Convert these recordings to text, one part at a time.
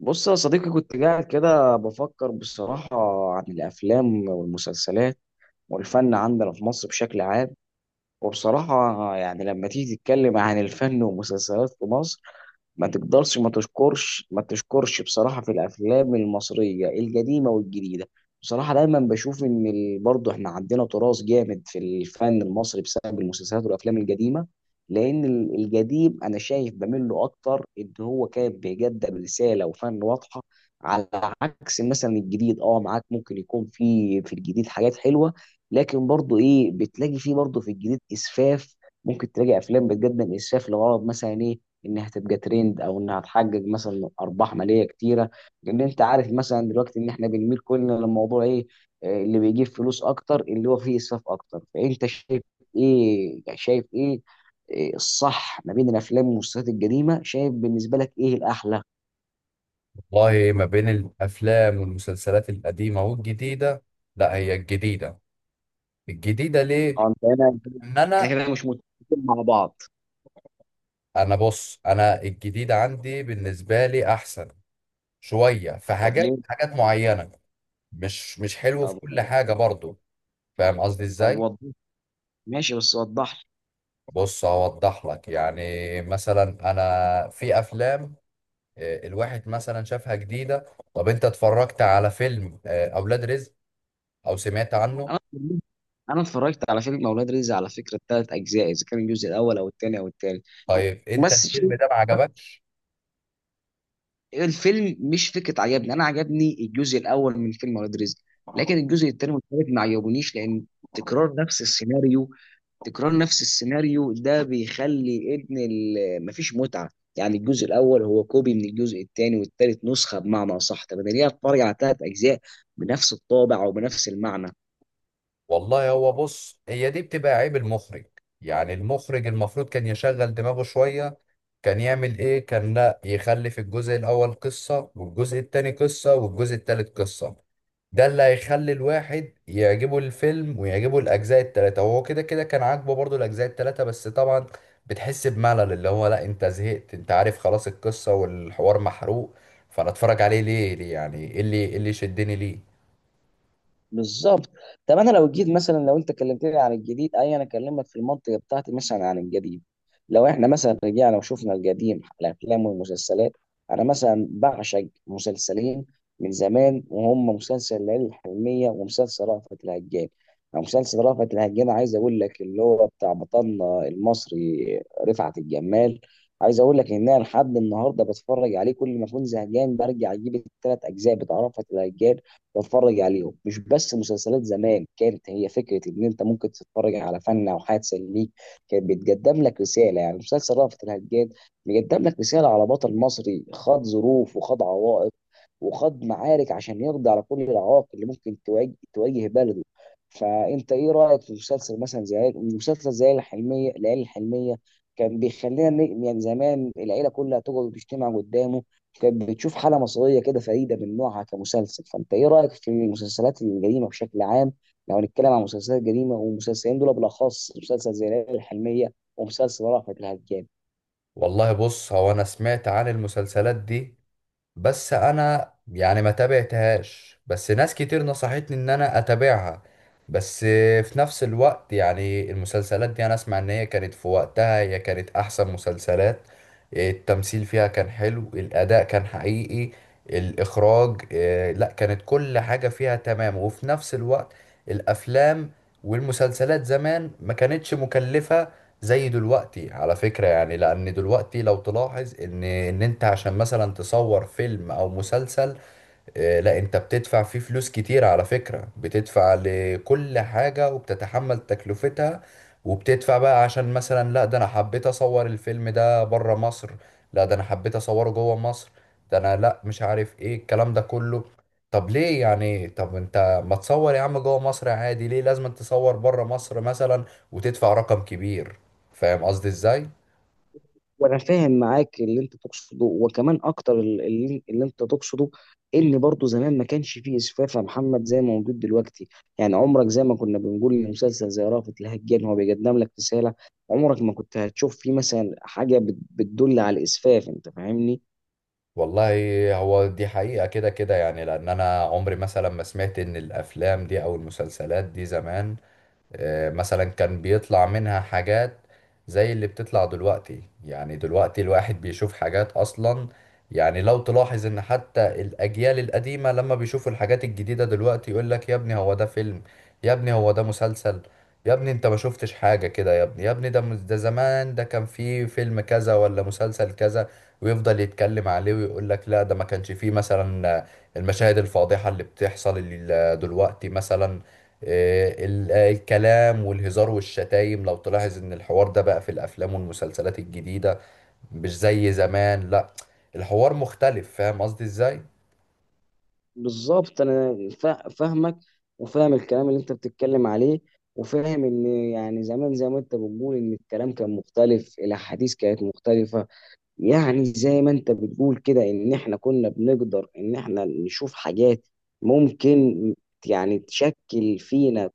بص يا صديقي، كنت قاعد كده بفكر بصراحة عن الأفلام والمسلسلات والفن عندنا في مصر بشكل عام. وبصراحة يعني لما تيجي تتكلم عن الفن والمسلسلات في مصر، ما تقدرش ما تشكرش بصراحة في الأفلام المصرية القديمة والجديدة. بصراحة دايما بشوف إن برضه إحنا عندنا تراث جامد في الفن المصري بسبب المسلسلات والأفلام القديمة. لأن القديم أنا شايف بميل له أكتر، إن هو كان بيقدم رسالة وفن واضحة. على عكس مثلا الجديد، معاك ممكن يكون في الجديد حاجات حلوة، لكن برضو ايه بتلاقي فيه برضو في الجديد اسفاف. ممكن تلاقي افلام بتقدم اسفاف لغرض مثلا ايه؟ انها تبقى ترند او انها تحقق مثلا ارباح ماليه كتيره. لان انت عارف مثلا دلوقتي ان احنا بنميل كلنا للموضوع ايه، اللي بيجيب فلوس اكتر اللي هو فيه اسفاف اكتر. فانت شايف ايه؟ إيه الصح ما بين الافلام والمسلسلات القديمه، شايف بالنسبه لك ايه الاحلى؟ والله، ما بين الافلام والمسلسلات القديمه والجديده، لا، هي الجديده ليه؟ اه انت هنا. ان احنا انا كده مش متفقين مع بعض. انا بص، انا الجديده عندي بالنسبه لي احسن شويه في طب حاجات ليه؟ حاجات معينه. مش حلو في طب كل حاجه برضو. فاهم قصدي طب ازاي؟ وضح. ماشي، بس وضح. بص، هوضح لك يعني. مثلا انا في افلام، الواحد مثلا شافها جديده. طب انت اتفرجت على فيلم اولاد رزق او سمعت عنه؟ انا انا اتفرجت على فيلم اولاد رزق على فكره، الثلاث اجزاء، اذا كان الجزء الاول او الثاني او الثالث. طيب انت بس الفيلم شيء- ده ما عجبكش؟ الفيلم مش فكره عجبني. انا عجبني الجزء الاول من فيلم اولاد رزق، لكن الجزء الثاني والثالث ما عجبونيش. لان تكرار نفس السيناريو، تكرار نفس السيناريو ده بيخلي مفيش متعه. يعني الجزء الاول هو كوبي من الجزء الثاني والثالث، نسخه بمعنى اصح. طب انا ليه اتفرج على ثلاث اجزاء بنفس الطابع او بنفس المعنى؟ والله هو، بص، هي دي بتبقى عيب المخرج. يعني المخرج المفروض كان يشغل دماغه شوية. كان يعمل ايه؟ كان لا يخلي في الجزء الاول قصة والجزء التاني قصة والجزء التالت قصة. ده اللي هيخلي الواحد يعجبه الفيلم ويعجبه الاجزاء التلاتة، وهو كده كده كان عاجبه برضو الاجزاء التلاتة. بس طبعا بتحس بملل، اللي هو لا، انت زهقت، انت عارف خلاص القصة والحوار محروق. فانا اتفرج عليه ليه، يعني ايه اللي شدني ليه؟ بالظبط. طب انا لو جيت مثلا، لو انت كلمتني عن الجديد، اي انا اكلمك في المنطقه بتاعتي مثلا عن القديم. لو احنا مثلا رجعنا وشفنا القديم، الافلام والمسلسلات، انا مثلا بعشق مسلسلين من زمان، وهم مسلسل ليالي الحلميه ومسلسل رأفت الهجان. أو مسلسل رأفت الهجان عايز اقول لك اللي هو بتاع بطلنا المصري رفعت الجمال. عايز اقول لك ان انا لحد النهارده بتفرج عليه، كل ما اكون زهقان برجع اجيب الثلاث اجزاء بتاع رأفت الهجان واتفرج عليهم. مش بس مسلسلات زمان كانت هي فكره ان انت ممكن تتفرج على فن او حاجه تسليك، كان بيتقدم لك رساله. يعني مسلسل رأفت الهجان بيقدم لك رساله على بطل مصري خاض ظروف وخاض عوائق وخاض معارك عشان يقضي على كل العوائق اللي ممكن تواجه بلده. فانت ايه رايك في مسلسل مثلا زي مسلسل زي الحلميه، العيله الحلميه؟ كان بيخلينا يعني زمان العيله كلها تقعد وتجتمع قدامه. كانت بتشوف حالة مصرية كده فريدة من نوعها كمسلسل. فأنت إيه رأيك في المسلسلات الجريمة بشكل عام، لو هنتكلم عن مسلسلات جريمة، والمسلسلين دول بالأخص مسلسل زي ليالي الحلمية ومسلسل رأفت الهجان؟ والله، بص، هو انا سمعت عن المسلسلات دي، بس انا يعني ما تابعتهاش. بس ناس كتير نصحتني ان انا اتابعها. بس في نفس الوقت يعني المسلسلات دي انا اسمع ان هي كانت في وقتها هي كانت احسن مسلسلات. التمثيل فيها كان حلو، الاداء كان حقيقي، الاخراج، لا، كانت كل حاجة فيها تمام. وفي نفس الوقت الافلام والمسلسلات زمان ما كانتش مكلفة زي دلوقتي، على فكرة. يعني لأن دلوقتي لو تلاحظ إن أنت عشان مثلا تصور فيلم أو مسلسل، لا، انت بتدفع فيه فلوس كتير على فكرة. بتدفع لكل حاجة وبتتحمل تكلفتها. وبتدفع بقى عشان مثلا لا، ده انا حبيت اصور الفيلم ده بره مصر، لا، ده انا حبيت اصوره جوه مصر، ده انا لا، مش عارف ايه الكلام ده كله. طب ليه يعني؟ طب انت ما تصور يا عم جوه مصر عادي، ليه لازم تصور بره مصر مثلا وتدفع رقم كبير؟ فاهم قصدي ازاي؟ وأنا فاهم معاك اللي أنت تقصده، وكمان أكتر اللي أنت تقصده، إن برضه زمان ما كانش فيه إسفاف يا محمد زي ما موجود دلوقتي. يعني عمرك زي ما كنا بنقول لمسلسل زي رأفت الهجان، هو بيقدم لك رسالة، عمرك ما كنت هتشوف فيه مثلا حاجة بتدل على الإسفاف. أنت فاهمني. والله، هو دي حقيقة كده كده، يعني لأن أنا عمري مثلا ما سمعت إن الأفلام دي أو المسلسلات دي زمان، مثلا، كان بيطلع منها حاجات زي اللي بتطلع دلوقتي. يعني دلوقتي الواحد بيشوف حاجات أصلا. يعني لو تلاحظ إن حتى الأجيال القديمة لما بيشوفوا الحاجات الجديدة دلوقتي، يقول لك يا ابني هو ده فيلم؟ يا ابني هو ده مسلسل؟ يا ابني انت ما شفتش حاجة كده. يا ابني، يا ابني ده ده زمان، ده كان فيه فيلم كذا ولا مسلسل كذا. ويفضل يتكلم عليه ويقول لك لا، ده ما كانش فيه مثلا المشاهد الفاضحة اللي بتحصل دلوقتي مثلا، الكلام والهزار والشتايم. لو تلاحظ ان الحوار ده بقى في الافلام والمسلسلات الجديدة مش زي زمان، لا، الحوار مختلف. فاهم قصدي ازاي؟ بالظبط. فاهمك وفاهم الكلام اللي انت بتتكلم عليه، وفاهم ان يعني زمان زي ما انت بتقول ان الكلام كان مختلف، الاحاديث كانت مختلفه. يعني زي ما انت بتقول كده ان احنا كنا بنقدر ان احنا نشوف حاجات ممكن يعني تشكل فينا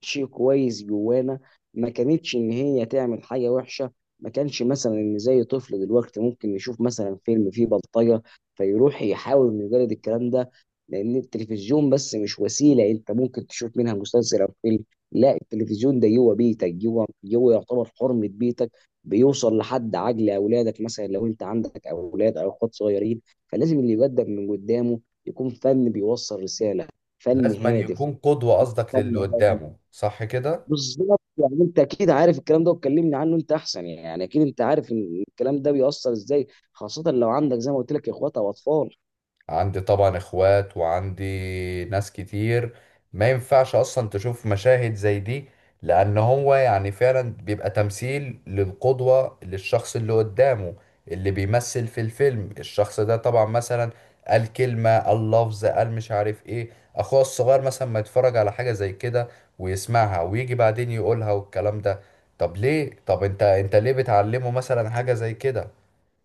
شيء كويس جوانا. ما كانتش ان هي تعمل حاجه وحشه. ما كانش مثلا ان زي طفل دلوقتي ممكن يشوف مثلا فيلم فيه بلطجه، فيروح يحاول انه يجرد الكلام ده. لان التلفزيون بس مش وسيله انت ممكن تشوف منها مسلسل او فيلم، لا التلفزيون ده جوه بيتك، جوه يعتبر حرمه بيتك. بيوصل لحد عقل اولادك، مثلا لو انت عندك اولاد او اخوات صغيرين، فلازم اللي يقدم من قدامه يكون فن بيوصل رساله، فن لازم أن هادف. يكون قدوة، قصدك، فن للي هادف. قدامه، صح كده؟ بالظبط. يعني انت اكيد عارف الكلام ده، وتكلمني عنه انت احسن، يعني اكيد انت عارف ان الكلام ده بيأثر ازاي، خاصة لو عندك زي ما قلت لك اخوات او اطفال. عندي طبعا اخوات وعندي ناس كتير. ما ينفعش اصلا تشوف مشاهد زي دي. لان هو يعني فعلا بيبقى تمثيل للقدوة، للشخص اللي قدامه. اللي بيمثل في الفيلم الشخص ده طبعا مثلا قال كلمة، قال لفظ، قال مش عارف ايه. اخوه الصغير مثلا ما يتفرج على حاجة زي كده ويسمعها ويجي بعدين يقولها والكلام ده. طب ليه؟ طب انت ليه بتعلمه مثلا حاجة زي كده؟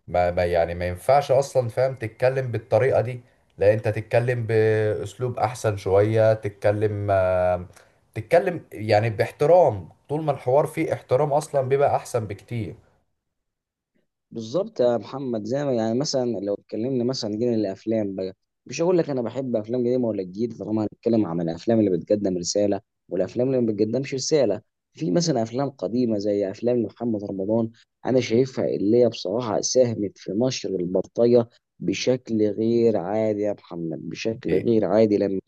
ما يعني ما ينفعش اصلا، فاهم، تتكلم بالطريقه دي. لا، انت تتكلم باسلوب احسن شويه. تتكلم يعني باحترام. طول ما الحوار فيه احترام اصلا بيبقى احسن بكتير. بالظبط يا محمد. زي ما يعني مثلا لو اتكلمنا مثلا جينا للافلام بقى، مش هقول لك انا بحب افلام قديمة ولا جديدة، طالما هنتكلم عن الافلام اللي بتقدم رسالة والافلام اللي ما بتقدمش رسالة. في مثلا افلام قديمة زي افلام محمد رمضان انا شايفها اللي هي بصراحة ساهمت في نشر البلطجة بشكل غير عادي يا محمد، بشكل غير عادي. لما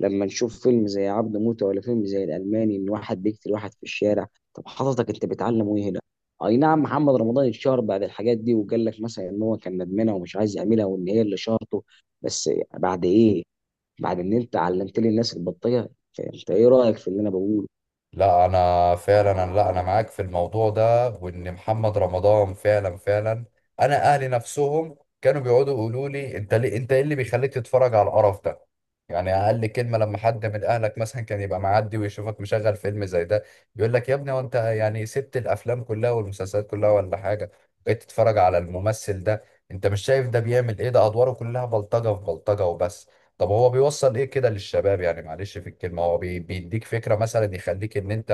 لما نشوف فيلم زي عبده موتة ولا فيلم زي الألماني، إن واحد بيقتل واحد في الشارع، طب حضرتك أنت بتعلم إيه هنا؟ أي نعم محمد رمضان اتشهر بعد الحاجات دي، وقال لك مثلا إن هو كان ندمانة ومش عايز يعملها وإن هي اللي شهرته، بس بعد إيه؟ بعد إن أنت علمت لي الناس البلطجة، فأنت إيه رأيك في اللي أنا بقوله؟ لا، انا فعلا، لا، انا معاك في الموضوع ده، وان محمد رمضان فعلا فعلا. انا اهلي نفسهم كانوا بيقعدوا يقولوا لي: انت ليه؟ انت ايه اللي بيخليك تتفرج على القرف ده؟ يعني اقل كلمه، لما حد من اهلك مثلا كان يبقى معدي ويشوفك مشغل فيلم زي ده، يقول لك: يا ابني، وانت يعني سبت الافلام كلها والمسلسلات كلها ولا حاجه، بقيت تتفرج على الممثل ده؟ انت مش شايف ده بيعمل ايه؟ ده ادواره كلها بلطجه في بلطجه وبس. طب هو بيوصل ايه كده للشباب؟ يعني معلش في الكلمة، هو بيديك فكرة مثلا يخليك ان انت،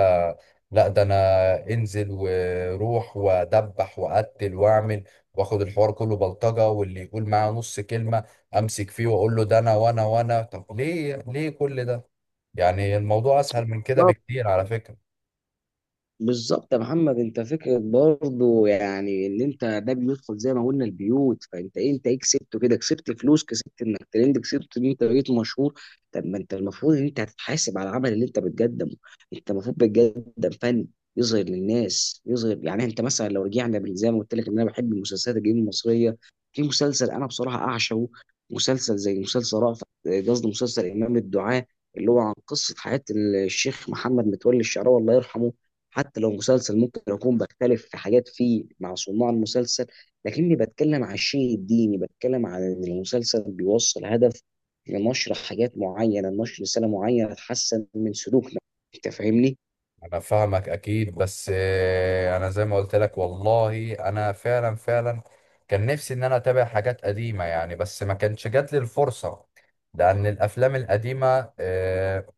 لا، ده انا انزل وروح وادبح واقتل واعمل، واخد الحوار كله بلطجة، واللي يقول معاه نص كلمة امسك فيه واقول له ده انا وانا وانا. طب ليه؟ ليه كل ده؟ يعني الموضوع اسهل من كده بكتير على فكرة. بالظبط يا محمد. انت فكره برضو، يعني ان انت ده بيدخل زي ما قلنا البيوت، فانت ايه، انت ايه كسبته كده؟ كسبت فلوس، كسبت انك ترند، كسبت ان انت بقيت مشهور. طب ما انت المفروض ان انت هتتحاسب على العمل اللي انت بتقدمه. انت المفروض بتقدم فن يظهر للناس، يظهر، يعني انت مثلا لو رجعنا زي ما قلت لك ان انا بحب المسلسلات الجديده المصريه، في مسلسل انا بصراحه اعشقه، مسلسل زي مسلسل رأفت، قصدي مسلسل امام الدعاء، اللي هو عن قصه حياه الشيخ محمد متولي الشعراوي الله يرحمه. حتى لو مسلسل ممكن اكون بختلف في حاجات فيه مع صناع المسلسل، لكني بتكلم عن الشيء الديني، بتكلم عن ان المسلسل بيوصل هدف لنشر حاجات معينه، نشر رساله معينه تحسن من سلوكنا. انت فاهمني. انا فاهمك اكيد، بس انا زي ما قلت لك والله انا فعلا فعلا كان نفسي ان انا اتابع حاجات قديمة يعني، بس ما كانش جات لي الفرصة. لان الافلام القديمة،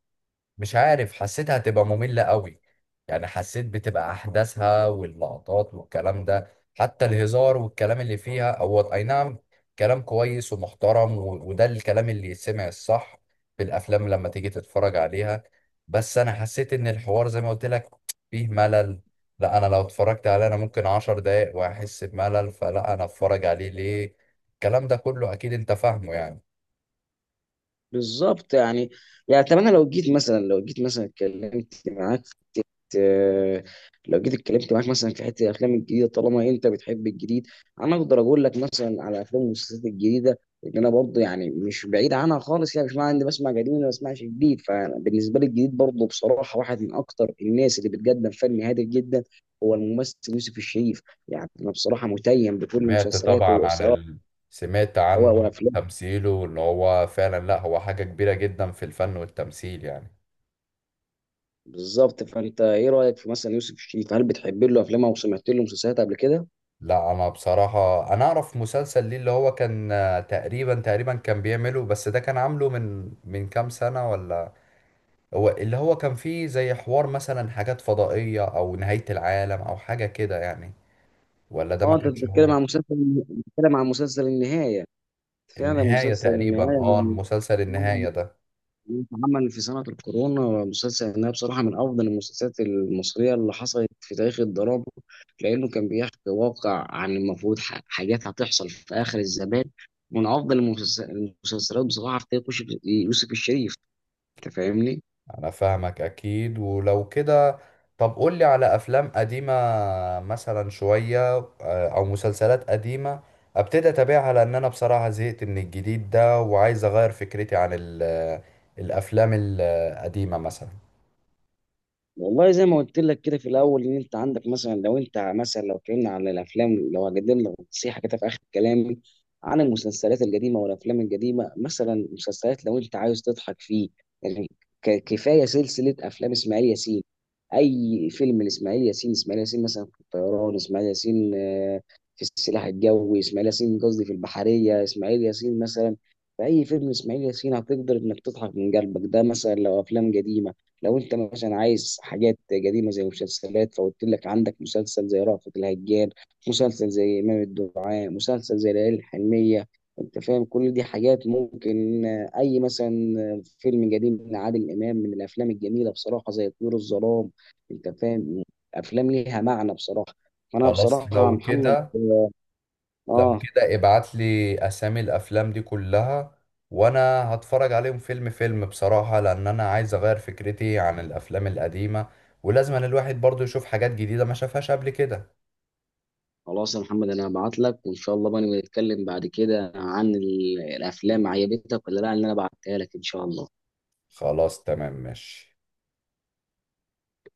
مش عارف، حسيتها هتبقى مملة قوي. يعني حسيت بتبقى أحداثها واللقطات والكلام ده، حتى الهزار والكلام اللي فيها، هو أي نعم، كلام كويس ومحترم، وده الكلام اللي يسمع الصح في الأفلام لما تيجي تتفرج عليها. بس أنا حسيت إن الحوار زي ما قلت لك فيه ملل. لا، أنا لو اتفرجت عليه أنا ممكن 10 دقايق وأحس بملل. فلا، أنا أتفرج عليه ليه؟ الكلام ده كله أكيد أنت فاهمه يعني. بالظبط. يعني اتمنى لو جيت مثلا، لو جيت مثلا اتكلمت معاك، آه، لو جيت اتكلمت معاك مثلا في حته الافلام الجديده. طالما انت بتحب الجديد، انا اقدر اقول لك مثلا على افلام والمسلسلات الجديده، ان انا برضه يعني مش بعيد عنها خالص، يعني مش معنى اني بسمع قديم ولا بسمعش جديد. فبالنسبه لي الجديد برضه بصراحه واحد من اكتر الناس اللي بتقدم فن هادف جدا هو الممثل يوسف الشريف. يعني انا بصراحه متيم بكل سمعت مسلسلاته، طبعا عن وسواء ال... سمعت عنه، عن وافلامه. تمثيله، وان هو فعلا، لا، هو حاجة كبيرة جدا في الفن والتمثيل يعني. بالظبط. فانت ايه رايك في مثلا يوسف الشريف، هل بتحب له افلامه وسمعت له مسلسلات قبل كده؟ لا، انا بصراحة انا اعرف مسلسل ليه، اللي هو كان تقريبا كان بيعمله، بس ده كان عامله من كام سنة ولا. هو اللي هو كان فيه زي حوار مثلا، حاجات فضائية او نهاية العالم او حاجة كده يعني، ولا ده اه ما انت كانش بتتكلم هو. عن مسلسل، بتتكلم عن مسلسل النهايه. فعلا النهاية مسلسل تقريبا، النهايه من المسلسل النهاية ده. من اتعمل في سنه الكورونا. مسلسل النهايه بصراحه من افضل المسلسلات المصريه اللي حصلت في تاريخ الدراما، لانه كان بيحكي واقع عن المفروض حاجات هتحصل في اخر الزمان. من افضل المسلسلات بصراحه في تاريخ يوسف الشريف. انت فاهمني. انا فاهمك اكيد. ولو كده، طب قولي على افلام قديمة مثلا شوية، او مسلسلات قديمة ابتدي اتابعها، لان انا بصراحة زهقت من الجديد ده وعايز اغير فكرتي عن الافلام القديمة مثلا. والله زي ما قلت لك كده في الاول، ان انت عندك مثلا، لو انت مثلا لو اتكلمنا عن الافلام، لو هقدم لك نصيحه كده في اخر كلامي عن المسلسلات القديمه والافلام القديمه، مثلا مسلسلات لو انت عايز تضحك فيه يعني، كفايه سلسله افلام اسماعيل ياسين. اي فيلم لاسماعيل ياسين، اسماعيل ياسين مثلا في الطيران، اسماعيل ياسين في السلاح الجوي، اسماعيل ياسين قصدي في البحريه، اسماعيل ياسين مثلا في اي فيلم اسماعيل ياسين هتقدر انك تضحك من قلبك. ده مثلا لو افلام قديمه. لو انت مثلا عايز حاجات قديمه زي مسلسلات، فقلت لك عندك مسلسل زي رأفت الهجان، مسلسل زي امام الدعاء، مسلسل زي ليالي الحلميه. انت فاهم كل دي حاجات ممكن، اي مثلا فيلم قديم لعادل امام من الافلام الجميله بصراحه زي طيور الظلام. انت فاهم. افلام ليها معنى بصراحه. فانا خلاص، بصراحه يا لو محمد، كده، لو اه، كده ابعت لي اسامي الافلام دي كلها وانا هتفرج عليهم فيلم فيلم بصراحة، لان انا عايز اغير فكرتي عن الافلام القديمة. ولازم أن الواحد برضو يشوف حاجات جديدة ما شافهاش قبل كده. خلاص يا محمد انا هبعت لك، وان شاء الله بقى نبقى نتكلم بعد كده عن الافلام عجبتك ولا لا اللي انا بعتها لك ان شاء الله. خلاص، تمام، ماشي.